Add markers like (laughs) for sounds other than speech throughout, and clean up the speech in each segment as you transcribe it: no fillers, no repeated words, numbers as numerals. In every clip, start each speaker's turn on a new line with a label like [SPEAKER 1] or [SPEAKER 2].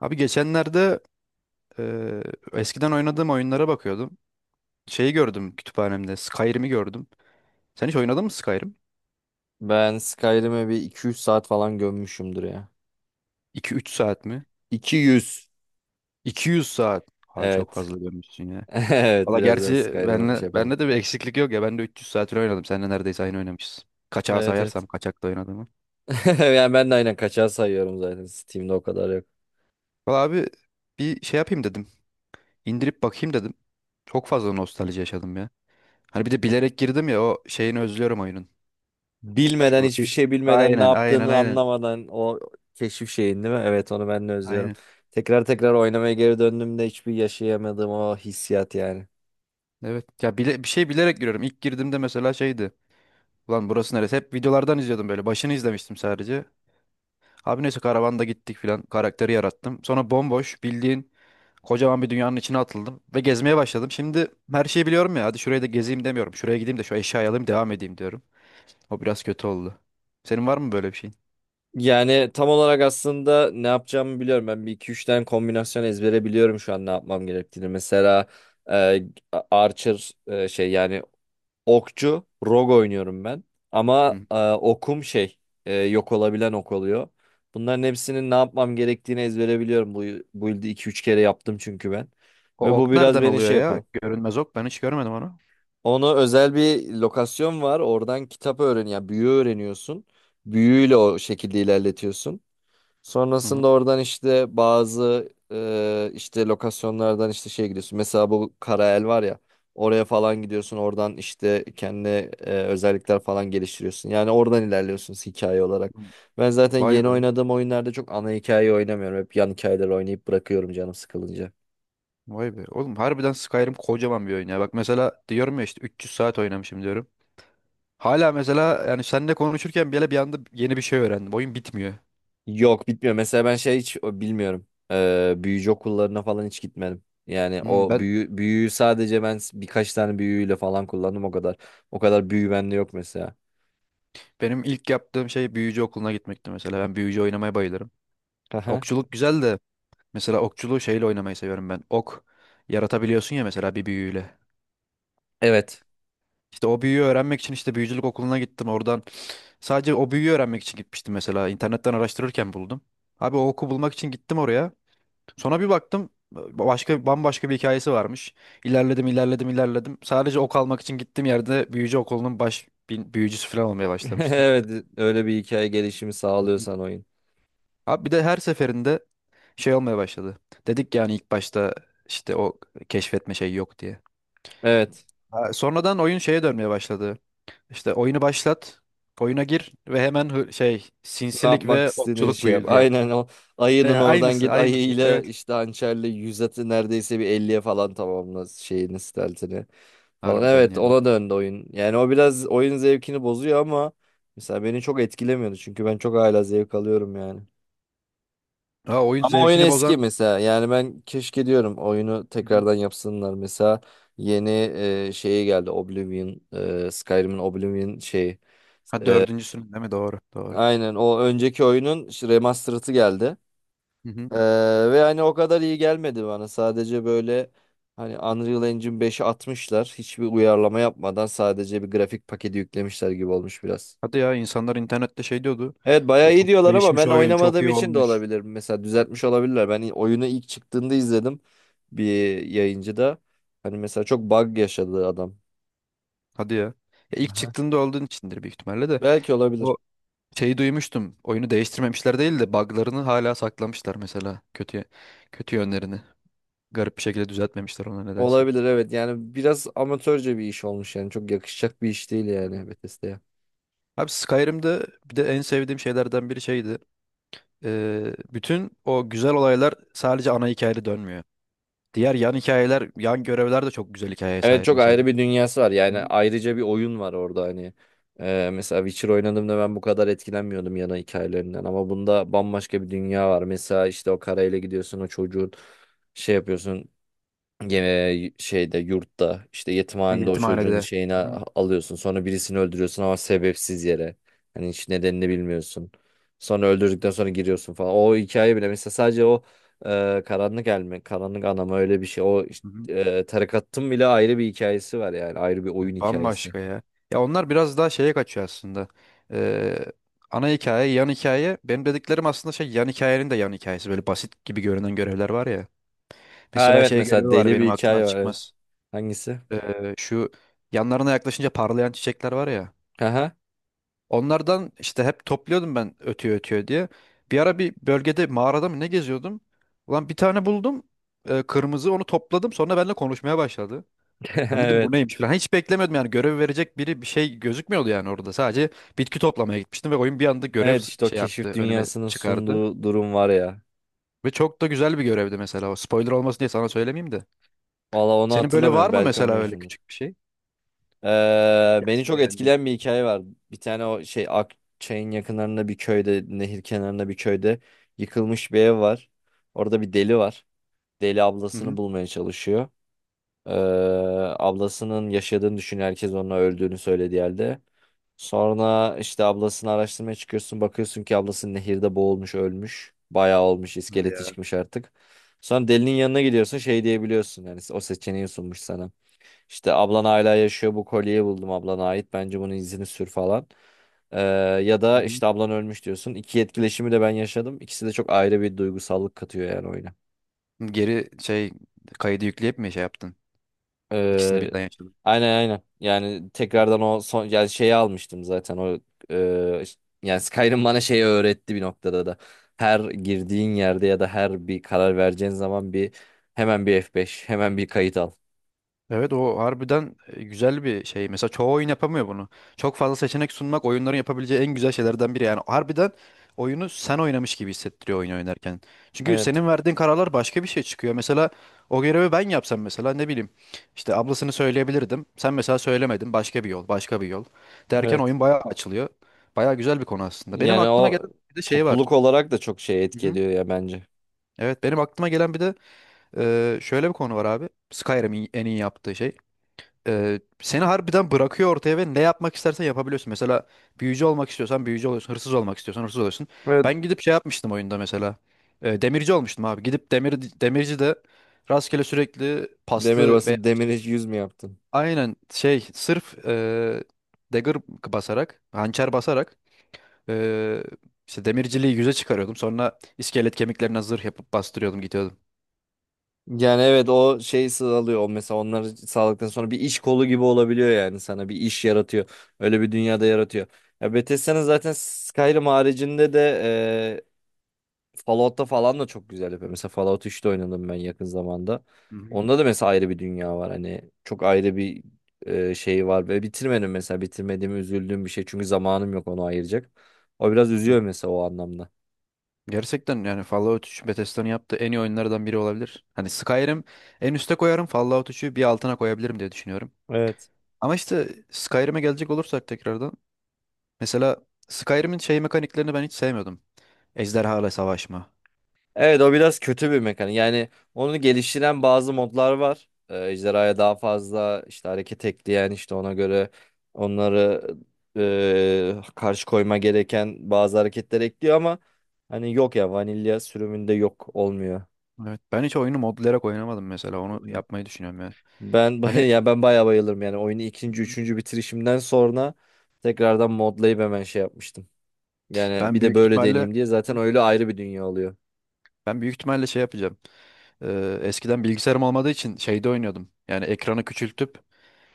[SPEAKER 1] Abi geçenlerde eee, eskiden oynadığım oyunlara bakıyordum. Şeyi gördüm kütüphanemde. Skyrim'i gördüm. Sen hiç oynadın mı Skyrim?
[SPEAKER 2] Ben Skyrim'e bir 200 saat falan gömmüşümdür ya.
[SPEAKER 1] 2-3 saat mi?
[SPEAKER 2] 200,
[SPEAKER 1] 200 saat. Abi çok
[SPEAKER 2] Evet.
[SPEAKER 1] fazla görmüşsün ya.
[SPEAKER 2] (laughs) Evet
[SPEAKER 1] Valla
[SPEAKER 2] biraz ben
[SPEAKER 1] gerçi
[SPEAKER 2] Skyrim'e şey yapalım.
[SPEAKER 1] bende de bir eksiklik yok ya. Ben de 300 saatini oynadım. Seninle neredeyse aynı oynamışız. Kaçağı
[SPEAKER 2] Evet
[SPEAKER 1] sayarsam
[SPEAKER 2] evet.
[SPEAKER 1] kaçakta oynadığımı.
[SPEAKER 2] (laughs) Yani ben de aynen kaçağı sayıyorum zaten. Steam'de o kadar yok.
[SPEAKER 1] Valla abi bir şey yapayım dedim. İndirip bakayım dedim. Çok fazla nostalji yaşadım ya. Hani bir de bilerek girdim ya o şeyini özlüyorum oyunun.
[SPEAKER 2] Bilmeden
[SPEAKER 1] Şu
[SPEAKER 2] hiçbir şey bilmeden ne
[SPEAKER 1] aynen, aynen,
[SPEAKER 2] yaptığını
[SPEAKER 1] aynen.
[SPEAKER 2] anlamadan o keşif şeyin değil mi? Evet onu ben de özlüyorum.
[SPEAKER 1] Aynen.
[SPEAKER 2] Tekrar tekrar oynamaya geri döndüğümde hiçbir yaşayamadığım o hissiyat yani.
[SPEAKER 1] Evet. Ya bir şey bilerek giriyorum. İlk girdiğimde mesela şeydi. Ulan burası neresi? Hep videolardan izliyordum böyle. Başını izlemiştim sadece. Abi neyse karavanda gittik filan. Karakteri yarattım. Sonra bomboş bildiğin kocaman bir dünyanın içine atıldım. Ve gezmeye başladım. Şimdi her şeyi biliyorum ya. Hadi şurayı da gezeyim demiyorum. Şuraya gideyim de şu eşyayı alayım devam edeyim diyorum. O biraz kötü oldu. Senin var mı böyle bir şeyin?
[SPEAKER 2] Yani tam olarak aslında ne yapacağımı biliyorum. Ben bir iki üç tane kombinasyon ezbere biliyorum şu an ne yapmam gerektiğini. Mesela e, Archer şey yani okçu rogue oynuyorum ben. Ama
[SPEAKER 1] Hı.
[SPEAKER 2] okum şey yok olabilen ok oluyor. Bunların hepsinin ne yapmam gerektiğini ezbere biliyorum. Bu yılda iki üç kere yaptım çünkü ben.
[SPEAKER 1] O
[SPEAKER 2] Ve bu
[SPEAKER 1] ok
[SPEAKER 2] biraz
[SPEAKER 1] nereden
[SPEAKER 2] beni
[SPEAKER 1] oluyor
[SPEAKER 2] şey
[SPEAKER 1] ya?
[SPEAKER 2] yapıyor.
[SPEAKER 1] Görünmez ok. Ben hiç görmedim onu.
[SPEAKER 2] Ona özel bir lokasyon var. Oradan kitap öğren ya büyü öğreniyorsun. Büyüyle o şekilde ilerletiyorsun.
[SPEAKER 1] Hı
[SPEAKER 2] Sonrasında
[SPEAKER 1] hı.
[SPEAKER 2] oradan işte bazı işte lokasyonlardan işte şey gidiyorsun. Mesela bu Karael var ya oraya falan gidiyorsun. Oradan işte kendi özellikler falan geliştiriyorsun. Yani oradan ilerliyorsun hikaye olarak. Ben zaten
[SPEAKER 1] Vay
[SPEAKER 2] yeni
[SPEAKER 1] be.
[SPEAKER 2] oynadığım oyunlarda çok ana hikayeyi oynamıyorum. Hep yan hikayeleri oynayıp bırakıyorum canım sıkılınca.
[SPEAKER 1] Vay be. Oğlum harbiden Skyrim kocaman bir oyun ya. Bak mesela diyorum ya işte 300 saat oynamışım diyorum. Hala mesela yani seninle konuşurken bile bir anda yeni bir şey öğrendim. Oyun bitmiyor.
[SPEAKER 2] Yok, bitmiyor. Mesela ben şey hiç o, bilmiyorum. Büyücü okullarına falan hiç gitmedim. Yani
[SPEAKER 1] Hmm,
[SPEAKER 2] o
[SPEAKER 1] ben
[SPEAKER 2] büyüyü sadece birkaç tane büyüyle falan kullandım o kadar. O kadar büyü bende yok mesela.
[SPEAKER 1] Benim ilk yaptığım şey büyücü okuluna gitmekti mesela. Ben büyücü oynamaya bayılırım.
[SPEAKER 2] Aha.
[SPEAKER 1] Okçuluk güzel de mesela okçuluğu şeyle oynamayı seviyorum ben. Ok yaratabiliyorsun ya mesela bir büyüyle.
[SPEAKER 2] Evet.
[SPEAKER 1] İşte o büyüyü öğrenmek için işte büyücülük okuluna gittim oradan. Sadece o büyüyü öğrenmek için gitmiştim mesela. İnternetten araştırırken buldum. Abi o oku bulmak için gittim oraya. Sonra bir baktım başka bambaşka bir hikayesi varmış. İlerledim, ilerledim, ilerledim. Sadece ok almak için gittiğim yerde büyücü okulunun baş büyücüsü falan olmaya
[SPEAKER 2] (laughs)
[SPEAKER 1] başlamıştım.
[SPEAKER 2] Evet, öyle bir hikaye gelişimi
[SPEAKER 1] Hmm.
[SPEAKER 2] sağlıyorsan oyun.
[SPEAKER 1] Abi bir de her seferinde şey olmaya başladı. Dedik yani ilk başta işte o keşfetme şeyi yok diye.
[SPEAKER 2] Evet.
[SPEAKER 1] Ha, sonradan oyun şeye dönmeye başladı. İşte oyunu başlat, oyuna gir ve hemen şey
[SPEAKER 2] Ne
[SPEAKER 1] sinsilik
[SPEAKER 2] yapmak
[SPEAKER 1] ve
[SPEAKER 2] istediğin
[SPEAKER 1] okçuluk
[SPEAKER 2] şey yap.
[SPEAKER 1] build yap.
[SPEAKER 2] Aynen o ayının oradan
[SPEAKER 1] Aynısı,
[SPEAKER 2] git
[SPEAKER 1] aynısı.
[SPEAKER 2] ayıyla
[SPEAKER 1] Evet.
[SPEAKER 2] işte hançerle yüz atı neredeyse bir elliye falan tamamla şeyini steltini falan.
[SPEAKER 1] Harbiden
[SPEAKER 2] Evet
[SPEAKER 1] yani.
[SPEAKER 2] ona döndü oyun. Yani o biraz oyun zevkini bozuyor ama mesela beni çok etkilemiyordu çünkü ben çok hala zevk alıyorum yani.
[SPEAKER 1] Ha, oyun
[SPEAKER 2] Ama oyun
[SPEAKER 1] zevkini
[SPEAKER 2] eski
[SPEAKER 1] bozan.
[SPEAKER 2] mesela. Yani ben keşke diyorum oyunu
[SPEAKER 1] Hı hı.
[SPEAKER 2] tekrardan yapsınlar. Mesela yeni şeyi geldi Oblivion, Skyrim'in Oblivion şeyi.
[SPEAKER 1] Ha dördüncüsünün değil mi? Doğru, doğru.
[SPEAKER 2] Aynen o önceki oyunun işte remastered'ı geldi.
[SPEAKER 1] Hı hı.
[SPEAKER 2] E, Ve hani o kadar iyi gelmedi bana. Sadece böyle hani Unreal Engine 5'i atmışlar. Hiçbir uyarlama yapmadan sadece bir grafik paketi yüklemişler gibi olmuş biraz.
[SPEAKER 1] Hadi ya insanlar internette şey diyordu.
[SPEAKER 2] Evet bayağı
[SPEAKER 1] Böyle
[SPEAKER 2] iyi
[SPEAKER 1] çok
[SPEAKER 2] diyorlar ama
[SPEAKER 1] değişmiş
[SPEAKER 2] ben
[SPEAKER 1] oyun çok
[SPEAKER 2] oynamadığım
[SPEAKER 1] iyi
[SPEAKER 2] için de
[SPEAKER 1] olmuş.
[SPEAKER 2] olabilir. Mesela düzeltmiş olabilirler. Ben oyunu ilk çıktığında izledim bir yayıncıda. Hani mesela çok bug yaşadı adam.
[SPEAKER 1] Hadi ya. Ya ilk
[SPEAKER 2] Aha.
[SPEAKER 1] çıktığında olduğun içindir büyük ihtimalle de.
[SPEAKER 2] Belki olabilir.
[SPEAKER 1] O şeyi duymuştum. Oyunu değiştirmemişler değil de buglarını hala saklamışlar mesela. Kötü kötü yönlerini. Garip bir şekilde düzeltmemişler ona nedense.
[SPEAKER 2] Olabilir evet. Yani biraz amatörce bir iş olmuş yani. Çok yakışacak bir iş değil
[SPEAKER 1] Hı hı.
[SPEAKER 2] yani Bethesda'ya.
[SPEAKER 1] Abi Skyrim'de bir de en sevdiğim şeylerden biri şeydi. Bütün o güzel olaylar sadece ana hikayede dönmüyor. Diğer yan hikayeler, yan görevler de çok güzel hikayeye
[SPEAKER 2] Evet
[SPEAKER 1] sahip
[SPEAKER 2] çok
[SPEAKER 1] mesela.
[SPEAKER 2] ayrı bir dünyası var.
[SPEAKER 1] Hı
[SPEAKER 2] Yani
[SPEAKER 1] hı.
[SPEAKER 2] ayrıca bir oyun var orada hani. Mesela Witcher oynadığımda ben bu kadar etkilenmiyordum yana hikayelerinden. Ama bunda bambaşka bir dünya var. Mesela işte o karayla gidiyorsun o çocuğun şey yapıyorsun. Gene şeyde yurtta işte yetimhanede o çocuğun
[SPEAKER 1] Yetimhanede.
[SPEAKER 2] şeyini
[SPEAKER 1] Hı hı.
[SPEAKER 2] a- alıyorsun. Sonra birisini öldürüyorsun ama sebepsiz yere. Hani hiç nedenini bilmiyorsun. Sonra öldürdükten sonra giriyorsun falan. O hikaye bile mesela sadece o karanlık anama öyle bir şey. O
[SPEAKER 1] Hı hı.
[SPEAKER 2] tarikatın bile ayrı bir hikayesi var yani. Ayrı bir oyun
[SPEAKER 1] Evet,
[SPEAKER 2] hikayesi.
[SPEAKER 1] bambaşka ya. Ya onlar biraz daha şeye kaçıyor aslında. Ee, Ana hikaye, yan hikaye. Benim dediklerim aslında şey yan hikayenin de yan hikayesi. Böyle basit gibi görünen görevler var ya.
[SPEAKER 2] Ha
[SPEAKER 1] Mesela
[SPEAKER 2] evet
[SPEAKER 1] şey
[SPEAKER 2] mesela
[SPEAKER 1] görevi var
[SPEAKER 2] deli
[SPEAKER 1] benim
[SPEAKER 2] bir
[SPEAKER 1] aklımdan
[SPEAKER 2] hikaye var evet.
[SPEAKER 1] çıkmaz.
[SPEAKER 2] Hangisi?
[SPEAKER 1] Şu yanlarına yaklaşınca parlayan çiçekler var ya.
[SPEAKER 2] Haha.
[SPEAKER 1] Onlardan işte hep topluyordum ben ötüyor ötüyor diye. Bir ara bir bölgede mağarada mı ne geziyordum. Ulan bir tane buldum. Kırmızı onu topladım. Sonra benimle konuşmaya başladı.
[SPEAKER 2] (laughs)
[SPEAKER 1] Lan dedim bu
[SPEAKER 2] Evet.
[SPEAKER 1] neymiş falan. Hiç beklemiyordum yani görev verecek biri bir şey gözükmüyordu yani orada. Sadece bitki toplamaya gitmiştim ve oyun bir anda görev
[SPEAKER 2] Evet işte o
[SPEAKER 1] şey
[SPEAKER 2] keşif
[SPEAKER 1] yaptı önüme
[SPEAKER 2] dünyasının
[SPEAKER 1] çıkardı.
[SPEAKER 2] sunduğu durum var ya.
[SPEAKER 1] Ve çok da güzel bir görevdi mesela o. Spoiler olmasın diye sana söylemeyeyim de.
[SPEAKER 2] Valla onu
[SPEAKER 1] Senin böyle var
[SPEAKER 2] hatırlamıyorum.
[SPEAKER 1] mı
[SPEAKER 2] Belki
[SPEAKER 1] mesela öyle
[SPEAKER 2] oynamışımdır.
[SPEAKER 1] küçük bir şey?
[SPEAKER 2] Beni
[SPEAKER 1] Hikayesini
[SPEAKER 2] çok
[SPEAKER 1] beğendin.
[SPEAKER 2] etkileyen bir hikaye var. Bir tane o şey Akçay'ın yakınlarında bir köyde, nehir kenarında bir köyde yıkılmış bir ev var. Orada bir deli var. Deli
[SPEAKER 1] Hı
[SPEAKER 2] ablasını
[SPEAKER 1] hı.
[SPEAKER 2] bulmaya çalışıyor. Ee, Ablasının yaşadığını düşünüyor. Herkes onun öldüğünü söylediği halde. Sonra işte ablasını araştırmaya çıkıyorsun. Bakıyorsun ki ablası nehirde boğulmuş, ölmüş. Bayağı olmuş,
[SPEAKER 1] Hadi
[SPEAKER 2] iskeleti
[SPEAKER 1] ya.
[SPEAKER 2] çıkmış artık. Sonra delinin yanına gidiyorsun. Şey diyebiliyorsun. Yani o seçeneği sunmuş sana. İşte ablan hala yaşıyor bu kolyeyi buldum ablana ait. Bence bunun izini sür falan. Ee, Ya
[SPEAKER 1] Hı
[SPEAKER 2] da
[SPEAKER 1] hı.
[SPEAKER 2] işte ablan ölmüş diyorsun. İki etkileşimi de ben yaşadım. İkisi de çok ayrı bir duygusallık katıyor yani oyuna.
[SPEAKER 1] Geri şey kaydı yükleyip mi şey yaptın? İkisini
[SPEAKER 2] Ee,
[SPEAKER 1] birden yaşadın.
[SPEAKER 2] aynen aynen. Yani tekrardan o son yani şeyi almıştım zaten o e, yani Skyrim bana şeyi öğretti bir noktada da. Her girdiğin yerde ya da her bir karar vereceğin zaman hemen bir F5, hemen bir kayıt al.
[SPEAKER 1] Evet o harbiden güzel bir şey. Mesela çoğu oyun yapamıyor bunu. Çok fazla seçenek sunmak oyunların yapabileceği en güzel şeylerden biri. Yani harbiden oyunu sen oynamış gibi hissettiriyor oyun oynarken. Çünkü
[SPEAKER 2] Evet.
[SPEAKER 1] senin verdiğin kararlar başka bir şey çıkıyor. Mesela o görevi ben yapsam mesela ne bileyim işte ablasını söyleyebilirdim. Sen mesela söylemedin başka bir yol başka bir yol derken
[SPEAKER 2] Evet.
[SPEAKER 1] oyun bayağı açılıyor. Bayağı güzel bir konu aslında. Benim
[SPEAKER 2] Yani
[SPEAKER 1] aklıma
[SPEAKER 2] o
[SPEAKER 1] gelen bir de şey var.
[SPEAKER 2] topluluk olarak da çok şey
[SPEAKER 1] Hı
[SPEAKER 2] etki
[SPEAKER 1] hı.
[SPEAKER 2] ediyor ya bence.
[SPEAKER 1] Evet benim aklıma gelen bir de şöyle bir konu var abi. Skyrim'in en iyi yaptığı şey seni harbiden bırakıyor ortaya ve ne yapmak istersen yapabiliyorsun. Mesela büyücü olmak istiyorsan büyücü oluyorsun. Hırsız olmak istiyorsan hırsız oluyorsun.
[SPEAKER 2] Evet.
[SPEAKER 1] Ben gidip şey yapmıştım oyunda mesela. Demirci olmuştum abi. Gidip demirci de rastgele sürekli
[SPEAKER 2] Demir
[SPEAKER 1] paslı ve
[SPEAKER 2] basıp demir hiç yüz mü yaptın?
[SPEAKER 1] aynen şey sırf dagger basarak, hançer basarak e, işte demirciliği yüze çıkarıyordum. Sonra iskelet kemiklerine zırh yapıp bastırıyordum gidiyordum.
[SPEAKER 2] Yani evet o şey sağlıyor. O mesela onları sağladıktan sonra bir iş kolu gibi olabiliyor yani sana bir iş yaratıyor. Öyle bir dünyada yaratıyor. Ya Bethesda'nın zaten Skyrim haricinde de Fallout'ta falan da çok güzel yapıyor. Mesela Fallout 3'te oynadım ben yakın zamanda.
[SPEAKER 1] Hı
[SPEAKER 2] Onda da mesela ayrı bir dünya var. Hani çok ayrı bir şey var. Ve bitirmedim mesela. Bitirmediğimi üzüldüğüm bir şey. Çünkü zamanım yok onu ayıracak. O biraz
[SPEAKER 1] hı.
[SPEAKER 2] üzüyor mesela o anlamda.
[SPEAKER 1] Gerçekten yani Fallout 3 Bethesda'nın yaptığı en iyi oyunlardan biri olabilir. Hani Skyrim en üste koyarım, Fallout 3'ü bir altına koyabilirim diye düşünüyorum.
[SPEAKER 2] Evet.
[SPEAKER 1] Ama işte Skyrim'e gelecek olursak tekrardan. Mesela Skyrim'in şey mekaniklerini ben hiç sevmiyordum. Ejderhalarla savaşma.
[SPEAKER 2] Evet o biraz kötü bir mekanik. Yani onu geliştiren bazı modlar var. Ejderhaya daha fazla işte hareket ekleyen işte ona göre onları karşı koyma gereken bazı hareketler ekliyor ama hani yok ya vanilya sürümünde yok olmuyor.
[SPEAKER 1] Evet. Ben hiç oyunu modlayarak oynamadım mesela. Onu yapmayı düşünüyorum yani.
[SPEAKER 2] Ben (laughs) baya
[SPEAKER 1] Hani
[SPEAKER 2] ya ben bayağı bayılırım yani oyunu ikinci üçüncü bitirişimden sonra tekrardan modlayıp hemen şey yapmıştım. Yani
[SPEAKER 1] ben
[SPEAKER 2] bir de
[SPEAKER 1] büyük
[SPEAKER 2] böyle
[SPEAKER 1] ihtimalle
[SPEAKER 2] deneyeyim diye zaten öyle ayrı bir dünya oluyor.
[SPEAKER 1] ben büyük ihtimalle şey yapacağım. Eskiden bilgisayarım olmadığı için şeyde oynuyordum. Yani ekranı küçültüp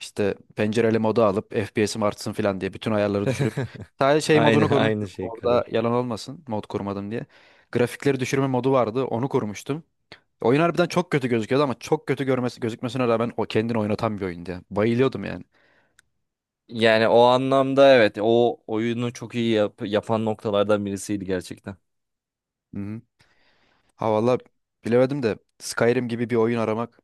[SPEAKER 1] İşte pencereli modu alıp FPS'im artsın falan diye bütün ayarları düşürüp
[SPEAKER 2] (laughs)
[SPEAKER 1] sadece şey
[SPEAKER 2] Aynı
[SPEAKER 1] modunu
[SPEAKER 2] aynı
[SPEAKER 1] korumuştum.
[SPEAKER 2] şey
[SPEAKER 1] Orada
[SPEAKER 2] kadar.
[SPEAKER 1] yalan olmasın mod korumadım diye. Grafikleri düşürme modu vardı. Onu korumuştum. Oyun harbiden çok kötü gözüküyordu ama çok kötü gözükmesine rağmen o kendini oynatan bir oyundu ya. Bayılıyordum yani.
[SPEAKER 2] Yani o anlamda evet o oyunu çok iyi yapan noktalardan birisiydi gerçekten.
[SPEAKER 1] Hı hı. Ha valla bilemedim de Skyrim gibi bir oyun aramak.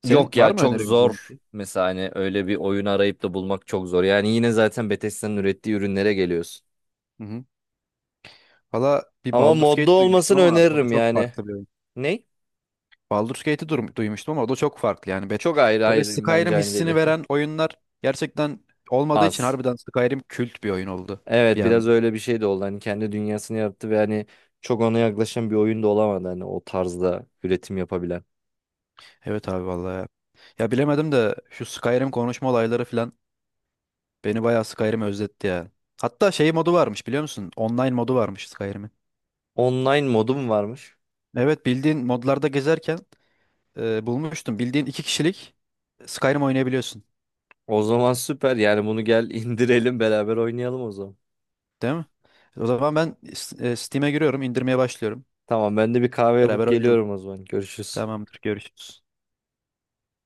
[SPEAKER 1] Senin
[SPEAKER 2] Yok
[SPEAKER 1] var
[SPEAKER 2] ya
[SPEAKER 1] mı
[SPEAKER 2] çok
[SPEAKER 1] önerebileceğin bir
[SPEAKER 2] zor
[SPEAKER 1] şey?
[SPEAKER 2] mesela hani öyle bir oyun arayıp da bulmak çok zor. Yani yine zaten Bethesda'nın ürettiği ürünlere geliyorsun.
[SPEAKER 1] Hı hı. Valla bir
[SPEAKER 2] Ama
[SPEAKER 1] Baldur's
[SPEAKER 2] modda
[SPEAKER 1] Gate duymuştum
[SPEAKER 2] olmasını
[SPEAKER 1] ama o da
[SPEAKER 2] öneririm
[SPEAKER 1] çok
[SPEAKER 2] yani.
[SPEAKER 1] farklı bir
[SPEAKER 2] Ne?
[SPEAKER 1] Baldur's Gate'i duymuştum ama o da çok farklı yani. Bet-
[SPEAKER 2] Çok ayrı,
[SPEAKER 1] Böyle
[SPEAKER 2] hayır, bence
[SPEAKER 1] Skyrim
[SPEAKER 2] aynı değil.
[SPEAKER 1] hissini veren oyunlar gerçekten
[SPEAKER 2] (laughs)
[SPEAKER 1] olmadığı için
[SPEAKER 2] Az.
[SPEAKER 1] harbiden Skyrim kült bir oyun oldu
[SPEAKER 2] Evet
[SPEAKER 1] bir
[SPEAKER 2] biraz
[SPEAKER 1] anda.
[SPEAKER 2] öyle bir şey de oldu. Hani kendi dünyasını yarattı ve hani çok ona yaklaşan bir oyun da olamadı hani o tarzda üretim yapabilen.
[SPEAKER 1] Evet abi vallahi ya. Ya bilemedim de şu Skyrim konuşma olayları falan beni bayağı Skyrim özletti ya. Hatta şey modu varmış biliyor musun? Online modu varmış Skyrim'in.
[SPEAKER 2] Online modum varmış.
[SPEAKER 1] Evet bildiğin modlarda gezerken bulmuştum. Bildiğin iki kişilik Skyrim oynayabiliyorsun
[SPEAKER 2] O zaman süper. Yani bunu gel (laughs) indirelim beraber oynayalım o zaman.
[SPEAKER 1] değil mi? O zaman ben Steam'e giriyorum, indirmeye başlıyorum.
[SPEAKER 2] Tamam ben de bir kahve yapıp
[SPEAKER 1] Beraber oynayalım.
[SPEAKER 2] geliyorum o zaman. Görüşürüz.
[SPEAKER 1] Tamamdır, görüşürüz.